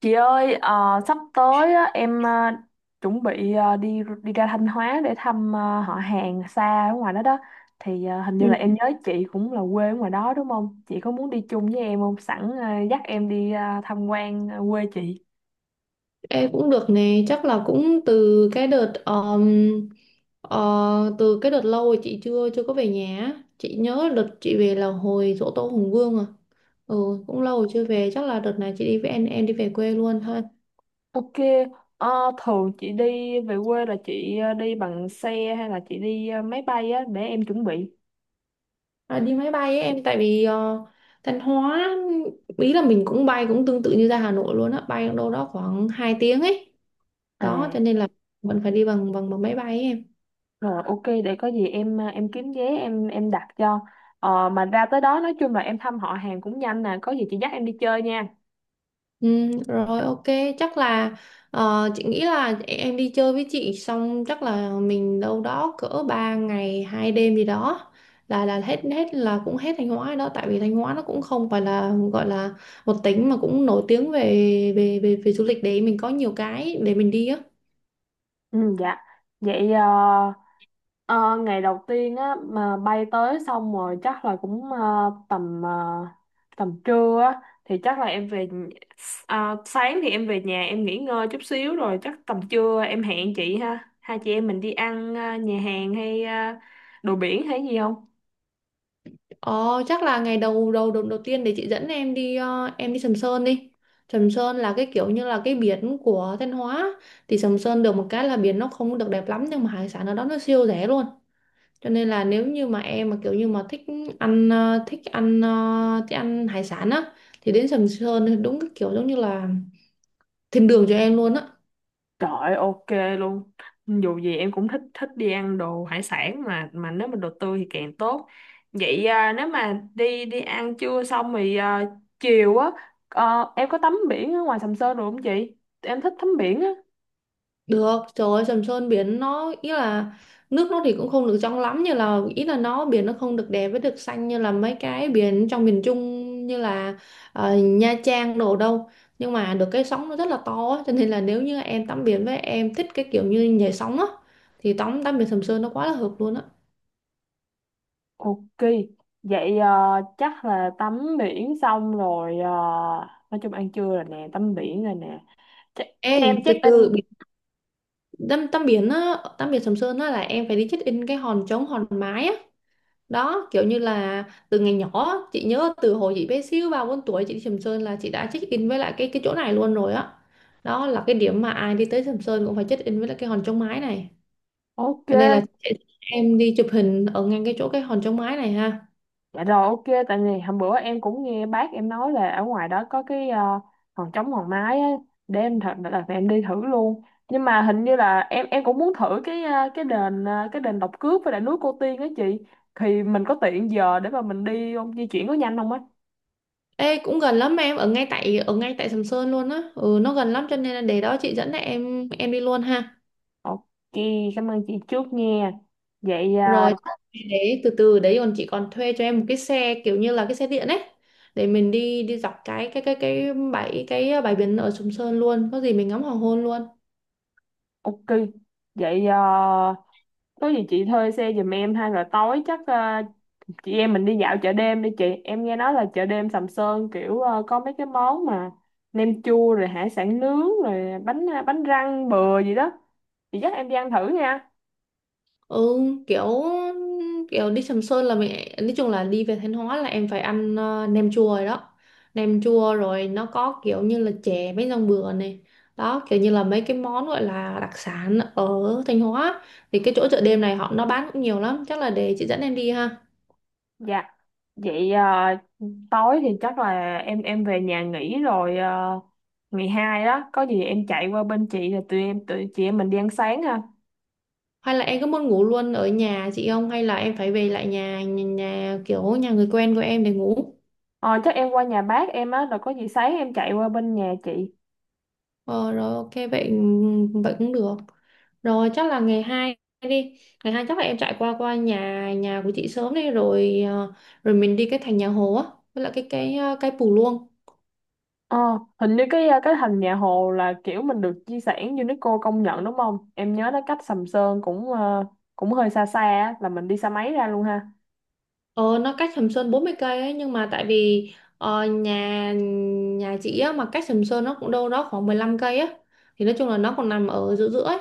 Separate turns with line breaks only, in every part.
Chị ơi, sắp tới á, em chuẩn bị đi đi ra Thanh Hóa để thăm họ hàng xa ở ngoài đó đó. Thì hình như
Ừ,
là em nhớ chị cũng là quê ở ngoài đó đúng không? Chị có muốn đi chung với em không? Sẵn dắt em đi tham quan quê chị.
em cũng được nè, chắc là cũng từ cái đợt lâu rồi chị chưa chưa có về nhà á. Chị nhớ đợt chị về là hồi giỗ tổ Hùng Vương à. Ừ, cũng lâu rồi chưa về, chắc là đợt này chị đi với em đi về quê luôn thôi.
Ok, ờ, thường chị đi về quê là chị đi bằng xe hay là chị đi máy bay á để em chuẩn bị.
À, đi máy bay ấy em, tại vì Thanh Hóa ý là mình cũng bay cũng tương tự như ra Hà Nội luôn á, bay đâu đó khoảng 2 tiếng ấy. Đó
À.
cho nên là vẫn phải đi bằng bằng bằng máy bay ấy em.
Rồi, ok, để có gì em kiếm vé, em đặt cho. Mà ra tới đó nói chung là em thăm họ hàng cũng nhanh nè, có gì chị dắt em đi chơi nha.
Ừ, rồi ok, chắc là chị nghĩ là em đi chơi với chị xong chắc là mình đâu đó cỡ 3 ngày 2 đêm gì đó là hết hết là cũng hết Thanh Hóa rồi đó, tại vì Thanh Hóa nó cũng không phải là gọi là một tỉnh mà cũng nổi tiếng về về du lịch để mình có nhiều cái để mình đi á.
Ừ, dạ. Vậy, ờ, ngày đầu tiên á mà bay tới xong rồi chắc là cũng tầm trưa á thì chắc là sáng thì em về nhà em nghỉ ngơi chút xíu, rồi chắc tầm trưa em hẹn chị ha, hai chị em mình đi ăn nhà hàng hay đồ biển hay gì không?
Ờ, chắc là ngày đầu tiên để chị dẫn em đi. Sầm Sơn là cái kiểu như là cái biển của Thanh Hóa, thì Sầm Sơn được một cái là biển nó không được đẹp lắm nhưng mà hải sản ở đó nó siêu rẻ luôn. Cho nên là nếu như mà em mà kiểu như mà thích thích ăn hải sản á thì đến Sầm Sơn thì đúng cái kiểu giống như là thiên đường cho em luôn á.
Trời ơi, ok luôn. Dù gì em cũng thích thích đi ăn đồ hải sản, mà nếu mà đồ tươi thì càng tốt. Vậy, nếu mà đi đi ăn trưa xong thì chiều á em có tắm biển ở ngoài Sầm Sơn được không chị? Em thích tắm biển á.
Được, trời ơi, Sầm Sơn biển nó ý là nước nó thì cũng không được trong lắm, như là ý là nó biển nó không được đẹp với được xanh như là mấy cái biển trong miền Trung như là Nha Trang đồ đâu. Nhưng mà được cái sóng nó rất là to á, cho nên là nếu như em tắm biển với em thích cái kiểu như nhảy sóng á thì tắm tắm biển Sầm Sơn nó quá là hợp luôn á.
Ok. Vậy, chắc là tắm biển xong rồi, nói chung ăn trưa rồi nè, tắm biển rồi nè. Ch cho em
Ê, từ
check
từ
in.
biển- tắm tắm biển á, tắm biển Sầm Sơn á là em phải đi check in cái hòn trống hòn mái á. Đó kiểu như là từ ngày nhỏ, chị nhớ từ hồi chị bé xíu 3 4 tuổi chị đi Sầm Sơn là chị đã check in với lại cái chỗ này luôn rồi á đó. Là cái điểm mà ai đi tới Sầm Sơn cũng phải check in với lại cái hòn chống mái này,
Ok.
cho nên là chị, em đi chụp hình ở ngang cái chỗ cái hòn chống mái này ha.
Dạ rồi, ok. Tại vì hôm bữa em cũng nghe bác em nói là ở ngoài đó có hòn trống hòn mái á, để em thật là em đi thử luôn. Nhưng mà hình như là em cũng muốn thử cái đền Độc Cước với lại núi Cô Tiên á chị, thì mình có tiện giờ để mà mình đi không, di chuyển có nhanh không á?
Ê, cũng gần lắm em, ở ngay tại Sầm Sơn luôn á. Ừ, nó gần lắm cho nên là để đó chị dẫn em đi luôn ha.
Ok, cảm ơn chị trước nha. Vậy,
Rồi đấy, từ từ đấy còn chị còn thuê cho em một cái xe kiểu như là cái xe điện ấy, để mình đi đi dọc cái bãi cái ờ, bãi biển ở Sầm Sơn luôn, có gì mình ngắm hoàng hôn luôn.
ok. Vậy, có gì chị thuê xe giùm em, hay là tối chắc chị em mình đi dạo chợ đêm đi chị, em nghe nói là chợ đêm Sầm Sơn kiểu có mấy cái món mà nem chua rồi hải sản nướng rồi bánh răng bừa gì đó, chị dắt em đi ăn thử nha.
Ừ, kiểu kiểu đi Sầm Sơn là mình, nói chung là đi về Thanh Hóa là em phải ăn nem chua rồi đó. Nem chua rồi nó có kiểu như là chè mấy rong bừa này, đó kiểu như là mấy cái món gọi là đặc sản ở Thanh Hóa, thì cái chỗ chợ đêm này họ nó bán cũng nhiều lắm, chắc là để chị dẫn em đi ha.
Dạ. Vậy, tối thì chắc là em về nhà nghỉ rồi, ngày hai đó có gì em chạy qua bên chị rồi tụi chị em mình đi ăn sáng ha.
Hay là em có muốn ngủ luôn ở nhà chị không? Hay là em phải về lại nhà nhà, nhà kiểu nhà người quen của em để ngủ?
Ờ Chắc em qua nhà bác em á, rồi có gì sáng em chạy qua bên nhà chị.
Ờ, rồi ok, vậy ừ, vậy cũng được. Rồi chắc là ngày hai đi. Ngày hai chắc là em chạy qua qua nhà nhà của chị sớm đi, rồi mình đi cái thành nhà Hồ á với lại cái Pù Luông.
Ờ, hình như cái thành nhà Hồ là kiểu mình được di sản UNESCO công nhận đúng không? Em nhớ nó cách Sầm Sơn cũng hơi xa xa á, là mình đi xe máy ra luôn ha.
Ờ, nó cách Sầm Sơn 40 cây ấy, nhưng mà tại vì ờ, nhà nhà chị á, mà cách Sầm Sơn nó cũng đâu đó khoảng 15 cây á, thì nói chung là nó còn nằm ở giữa giữa ấy,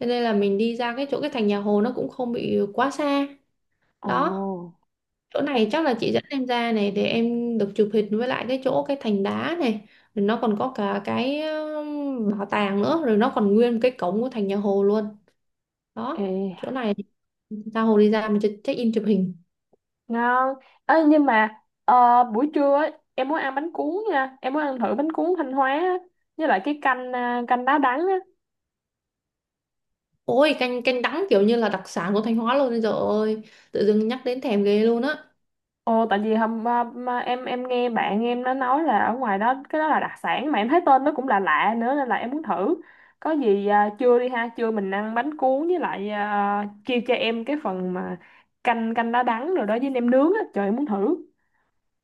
cho nên là mình đi ra cái chỗ cái thành nhà Hồ nó cũng không bị quá xa.
Ồ,
Đó chỗ
ok,
này chắc là chị dẫn em ra này để em được chụp hình với lại cái chỗ cái thành đá này, rồi nó còn có cả cái bảo tàng nữa, rồi nó còn nguyên cái cổng của thành nhà Hồ luôn. Đó chỗ này, ra Hồ đi, ra mình check in chụp hình.
ngon. Ê, nhưng mà buổi trưa ấy, em muốn ăn bánh cuốn nha, em muốn ăn thử bánh cuốn Thanh Hóa á, với lại cái canh đá đắng á.
Ôi, canh canh đắng kiểu như là đặc sản của Thanh Hóa luôn rồi ơi. Tự dưng nhắc đến thèm ghê luôn á.
Ồ, tại vì mà em nghe bạn em nó nói là ở ngoài đó cái đó là đặc sản, mà em thấy tên nó cũng là lạ lạ nữa, nên là em muốn thử. Có gì à, trưa đi ha, trưa mình ăn bánh cuốn với lại, chia cho em cái phần mà canh canh đá đắng rồi đó với nem nướng á, trời em muốn thử.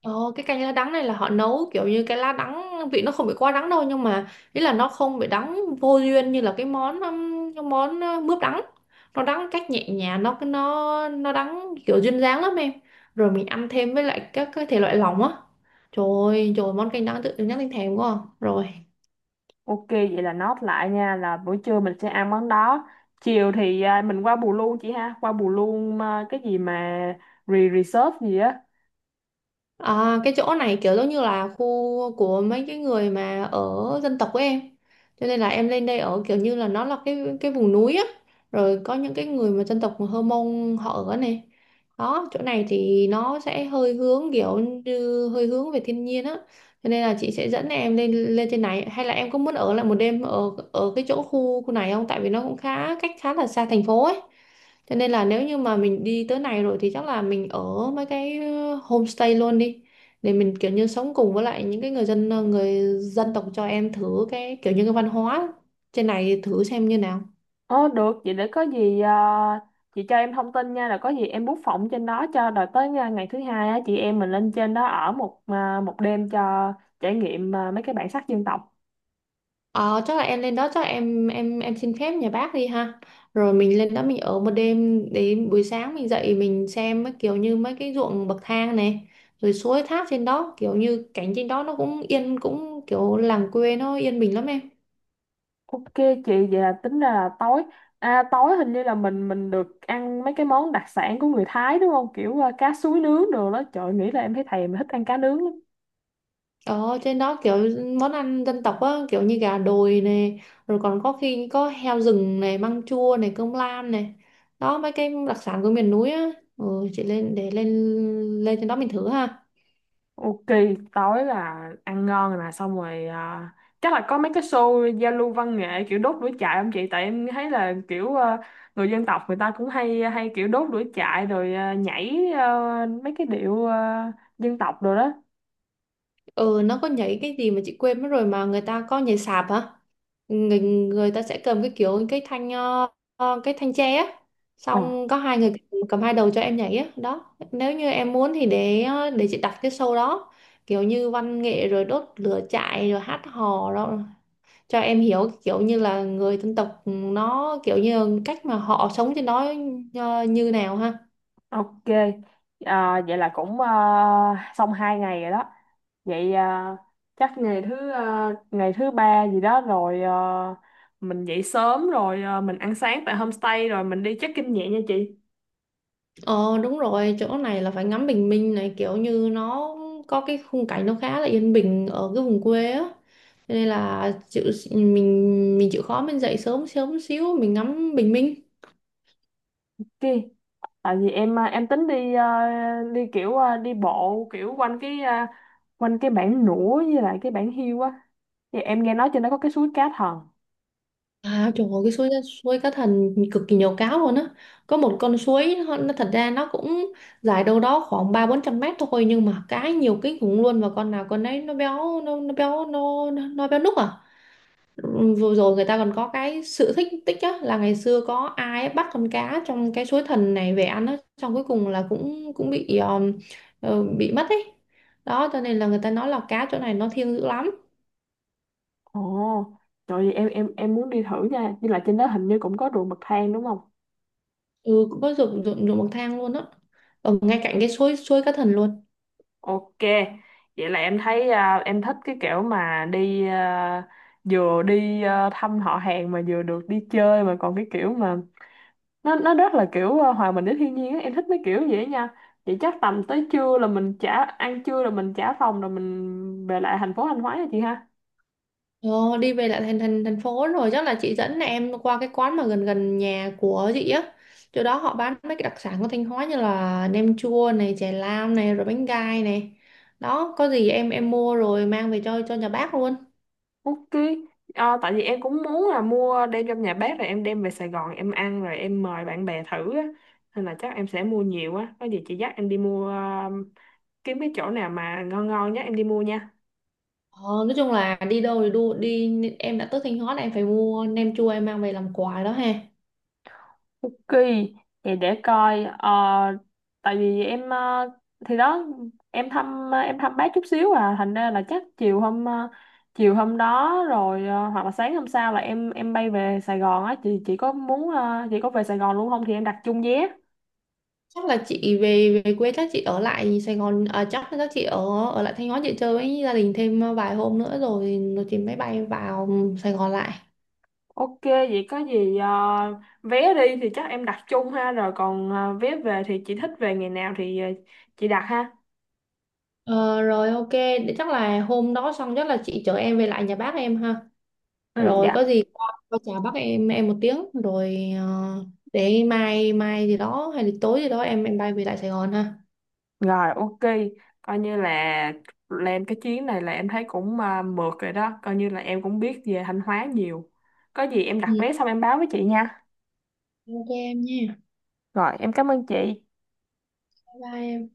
Ồ, cái canh lá đắng này là họ nấu kiểu như cái lá đắng vị nó không bị quá đắng đâu, nhưng mà ý là nó không bị đắng vô duyên như là cái món mướp đắng, nó đắng cách nhẹ nhàng, nó đắng kiểu duyên dáng lắm em. Rồi mình ăn thêm với lại các cái thể loại lỏng á. Trời ơi trời ơi, món canh đắng tự dưng nhắc đến thèm quá à. Rồi.
Ok, vậy là note lại nha, là buổi trưa mình sẽ ăn món đó. Chiều thì mình qua Bù Luôn chị ha, qua Bù Luôn, cái gì mà reserve gì á?
À, cái chỗ này kiểu giống như là khu của mấy cái người mà ở dân tộc của em. Cho nên là em lên đây ở kiểu như là nó là cái vùng núi á. Rồi có những cái người mà dân tộc Hơ Mông họ ở này. Đó, chỗ này thì nó sẽ hơi hướng kiểu như hơi hướng về thiên nhiên á. Cho nên là chị sẽ dẫn em lên lên trên này, hay là em có muốn ở lại một đêm ở ở cái chỗ khu khu này không? Tại vì nó cũng khá cách khá là xa thành phố ấy. Thế nên là nếu như mà mình đi tới này rồi thì chắc là mình ở mấy cái homestay luôn đi, để mình kiểu như sống cùng với lại những cái người dân tộc, cho em thử cái kiểu như cái văn hóa trên này thử xem như nào.
Ờ được, vậy để có gì chị cho em thông tin nha, là có gì em book phòng trên đó cho, rồi tới ngày thứ hai á, chị em mình lên trên đó ở một đêm cho trải nghiệm, mấy cái bản sắc dân tộc.
Ờ, chắc là em lên đó chắc là em xin phép nhà bác đi ha. Rồi mình lên đó mình ở một đêm, đến buổi sáng mình dậy mình xem mấy kiểu như mấy cái ruộng bậc thang này, rồi suối thác trên đó kiểu như cảnh trên đó nó cũng yên, cũng kiểu làng quê nó yên bình lắm em.
Ok chị, vậy là tính ra là tối hình như là mình được ăn mấy cái món đặc sản của người Thái đúng không? Kiểu cá suối nướng đồ đó. Trời nghĩ là em thấy thèm thích ăn cá nướng lắm.
Ở trên đó kiểu món ăn dân tộc á, kiểu như gà đồi này, rồi còn có khi có heo rừng này, măng chua này, cơm lam này. Đó mấy cái đặc sản của miền núi á. Ừ, chị lên để lên lên trên đó mình thử ha.
Ok, tối là ăn ngon rồi nè, xong rồi, chắc là có mấy cái show giao lưu văn nghệ kiểu đốt lửa trại không chị? Tại em thấy là kiểu người dân tộc người ta cũng hay hay kiểu đốt lửa trại rồi, nhảy, mấy cái điệu, dân tộc rồi đó.
Ừ, nó có nhảy cái gì mà chị quên mất rồi, mà người ta có nhảy sạp hả, người ta sẽ cầm cái kiểu cái cái thanh tre á,
Ờ,
xong có hai người cầm hai đầu cho em nhảy á đó. Nếu như em muốn thì để chị đặt cái show đó, kiểu như văn nghệ rồi đốt lửa trại rồi hát hò đó, cho em hiểu kiểu như là người dân tộc nó kiểu như cách mà họ sống trên đó như nào ha.
ok. À, vậy là cũng, xong 2 ngày rồi đó. Vậy, chắc ngày thứ ba gì đó rồi, mình dậy sớm rồi, mình ăn sáng tại homestay rồi mình đi check-in nhẹ nha chị.
Ờ đúng rồi, chỗ này là phải ngắm bình minh này, kiểu như nó có cái khung cảnh nó khá là yên bình ở cái vùng quê á. Cho nên là chịu, mình chịu khó mình dậy sớm sớm xíu mình ngắm bình minh.
Ok. Tại vì em tính đi bộ kiểu quanh cái bản nũa với lại cái bản hiêu á, thì em nghe nói trên đó có cái suối cá thần.
À trời ơi, cái suối suối cá thần cực kỳ nhiều cá luôn á. Có một con suối nó thật ra nó cũng dài đâu đó khoảng 300 400 mét thôi, nhưng mà cá nhiều kinh khủng luôn, và con nào con đấy nó béo núc à. Vừa rồi người ta còn có cái sự thích tích á, là ngày xưa có ai bắt con cá trong cái suối thần này về ăn á, xong cuối cùng là cũng cũng bị ờ, bị mất ấy. Đó cho nên là người ta nói là cá chỗ này nó thiêng dữ lắm.
Ồ, trời ơi, em muốn đi thử nha, nhưng là trên đó hình như cũng có ruộng bậc thang đúng không?
Ừ, cũng có ruộng ruộng ruộng bậc thang luôn á, ở ngay cạnh cái suối suối cá thần luôn.
Ok, vậy là em thích cái kiểu mà vừa đi thăm họ hàng mà vừa được đi chơi, mà còn cái kiểu mà nó rất là kiểu hòa mình với thiên nhiên á, em thích mấy kiểu vậy á nha. Vậy chắc tầm tới trưa là mình ăn trưa rồi mình trả phòng rồi mình về lại thành phố Thanh Hóa nha chị ha.
Ờ, đi về lại thành thành thành phố, rồi chắc là chị dẫn em qua cái quán mà gần gần nhà của chị á, chỗ đó họ bán mấy cái đặc sản của Thanh Hóa như là nem chua này, chè lam này, rồi bánh gai này. Đó có gì em mua rồi mang về cho nhà bác luôn.
Ok. Ờ, tại vì em cũng muốn là mua đem trong nhà bếp rồi em đem về Sài Gòn em ăn rồi em mời bạn bè thử á, nên là chắc em sẽ mua nhiều á, có gì chị dắt em đi kiếm cái chỗ nào mà ngon ngon nhé em đi mua nha.
Ờ, nói chung là đi đâu thì đu đi, em đã tới Thanh Hóa là em phải mua nem chua em mang về làm quà đó ha.
Ok, thì để coi, tại vì em, thì đó, em thăm bác chút xíu, thành ra là chắc chiều hôm đó rồi, hoặc là sáng hôm sau là em bay về Sài Gòn á chị có muốn, chị có về Sài Gòn luôn không thì em đặt chung vé.
Chắc là chị về về quê, chắc chị ở lại Sài Gòn à, chắc chắc chị ở ở lại Thanh Hóa chị chơi với gia đình thêm vài hôm nữa rồi rồi chị mới bay vào Sài Gòn lại.
Ok, vậy có gì, vé đi thì chắc em đặt chung ha, rồi còn vé về thì chị thích về ngày nào thì chị đặt ha.
Ờ, rồi ok, để chắc là hôm đó xong chắc là chị chở em về lại nhà bác em ha.
Ừ
Rồi
dạ.
có gì qua chào bác em một tiếng rồi để mai mai gì đó hay là tối gì đó em bay về lại Sài Gòn ha.
Rồi, ok, coi như là lên cái chuyến này là em thấy cũng, mượt rồi đó, coi như là em cũng biết về Thanh Hóa nhiều. Có gì em
Ừ,
đặt vé xong em báo với chị nha.
ok em nha.
Rồi, em cảm ơn chị.
Bye bye em.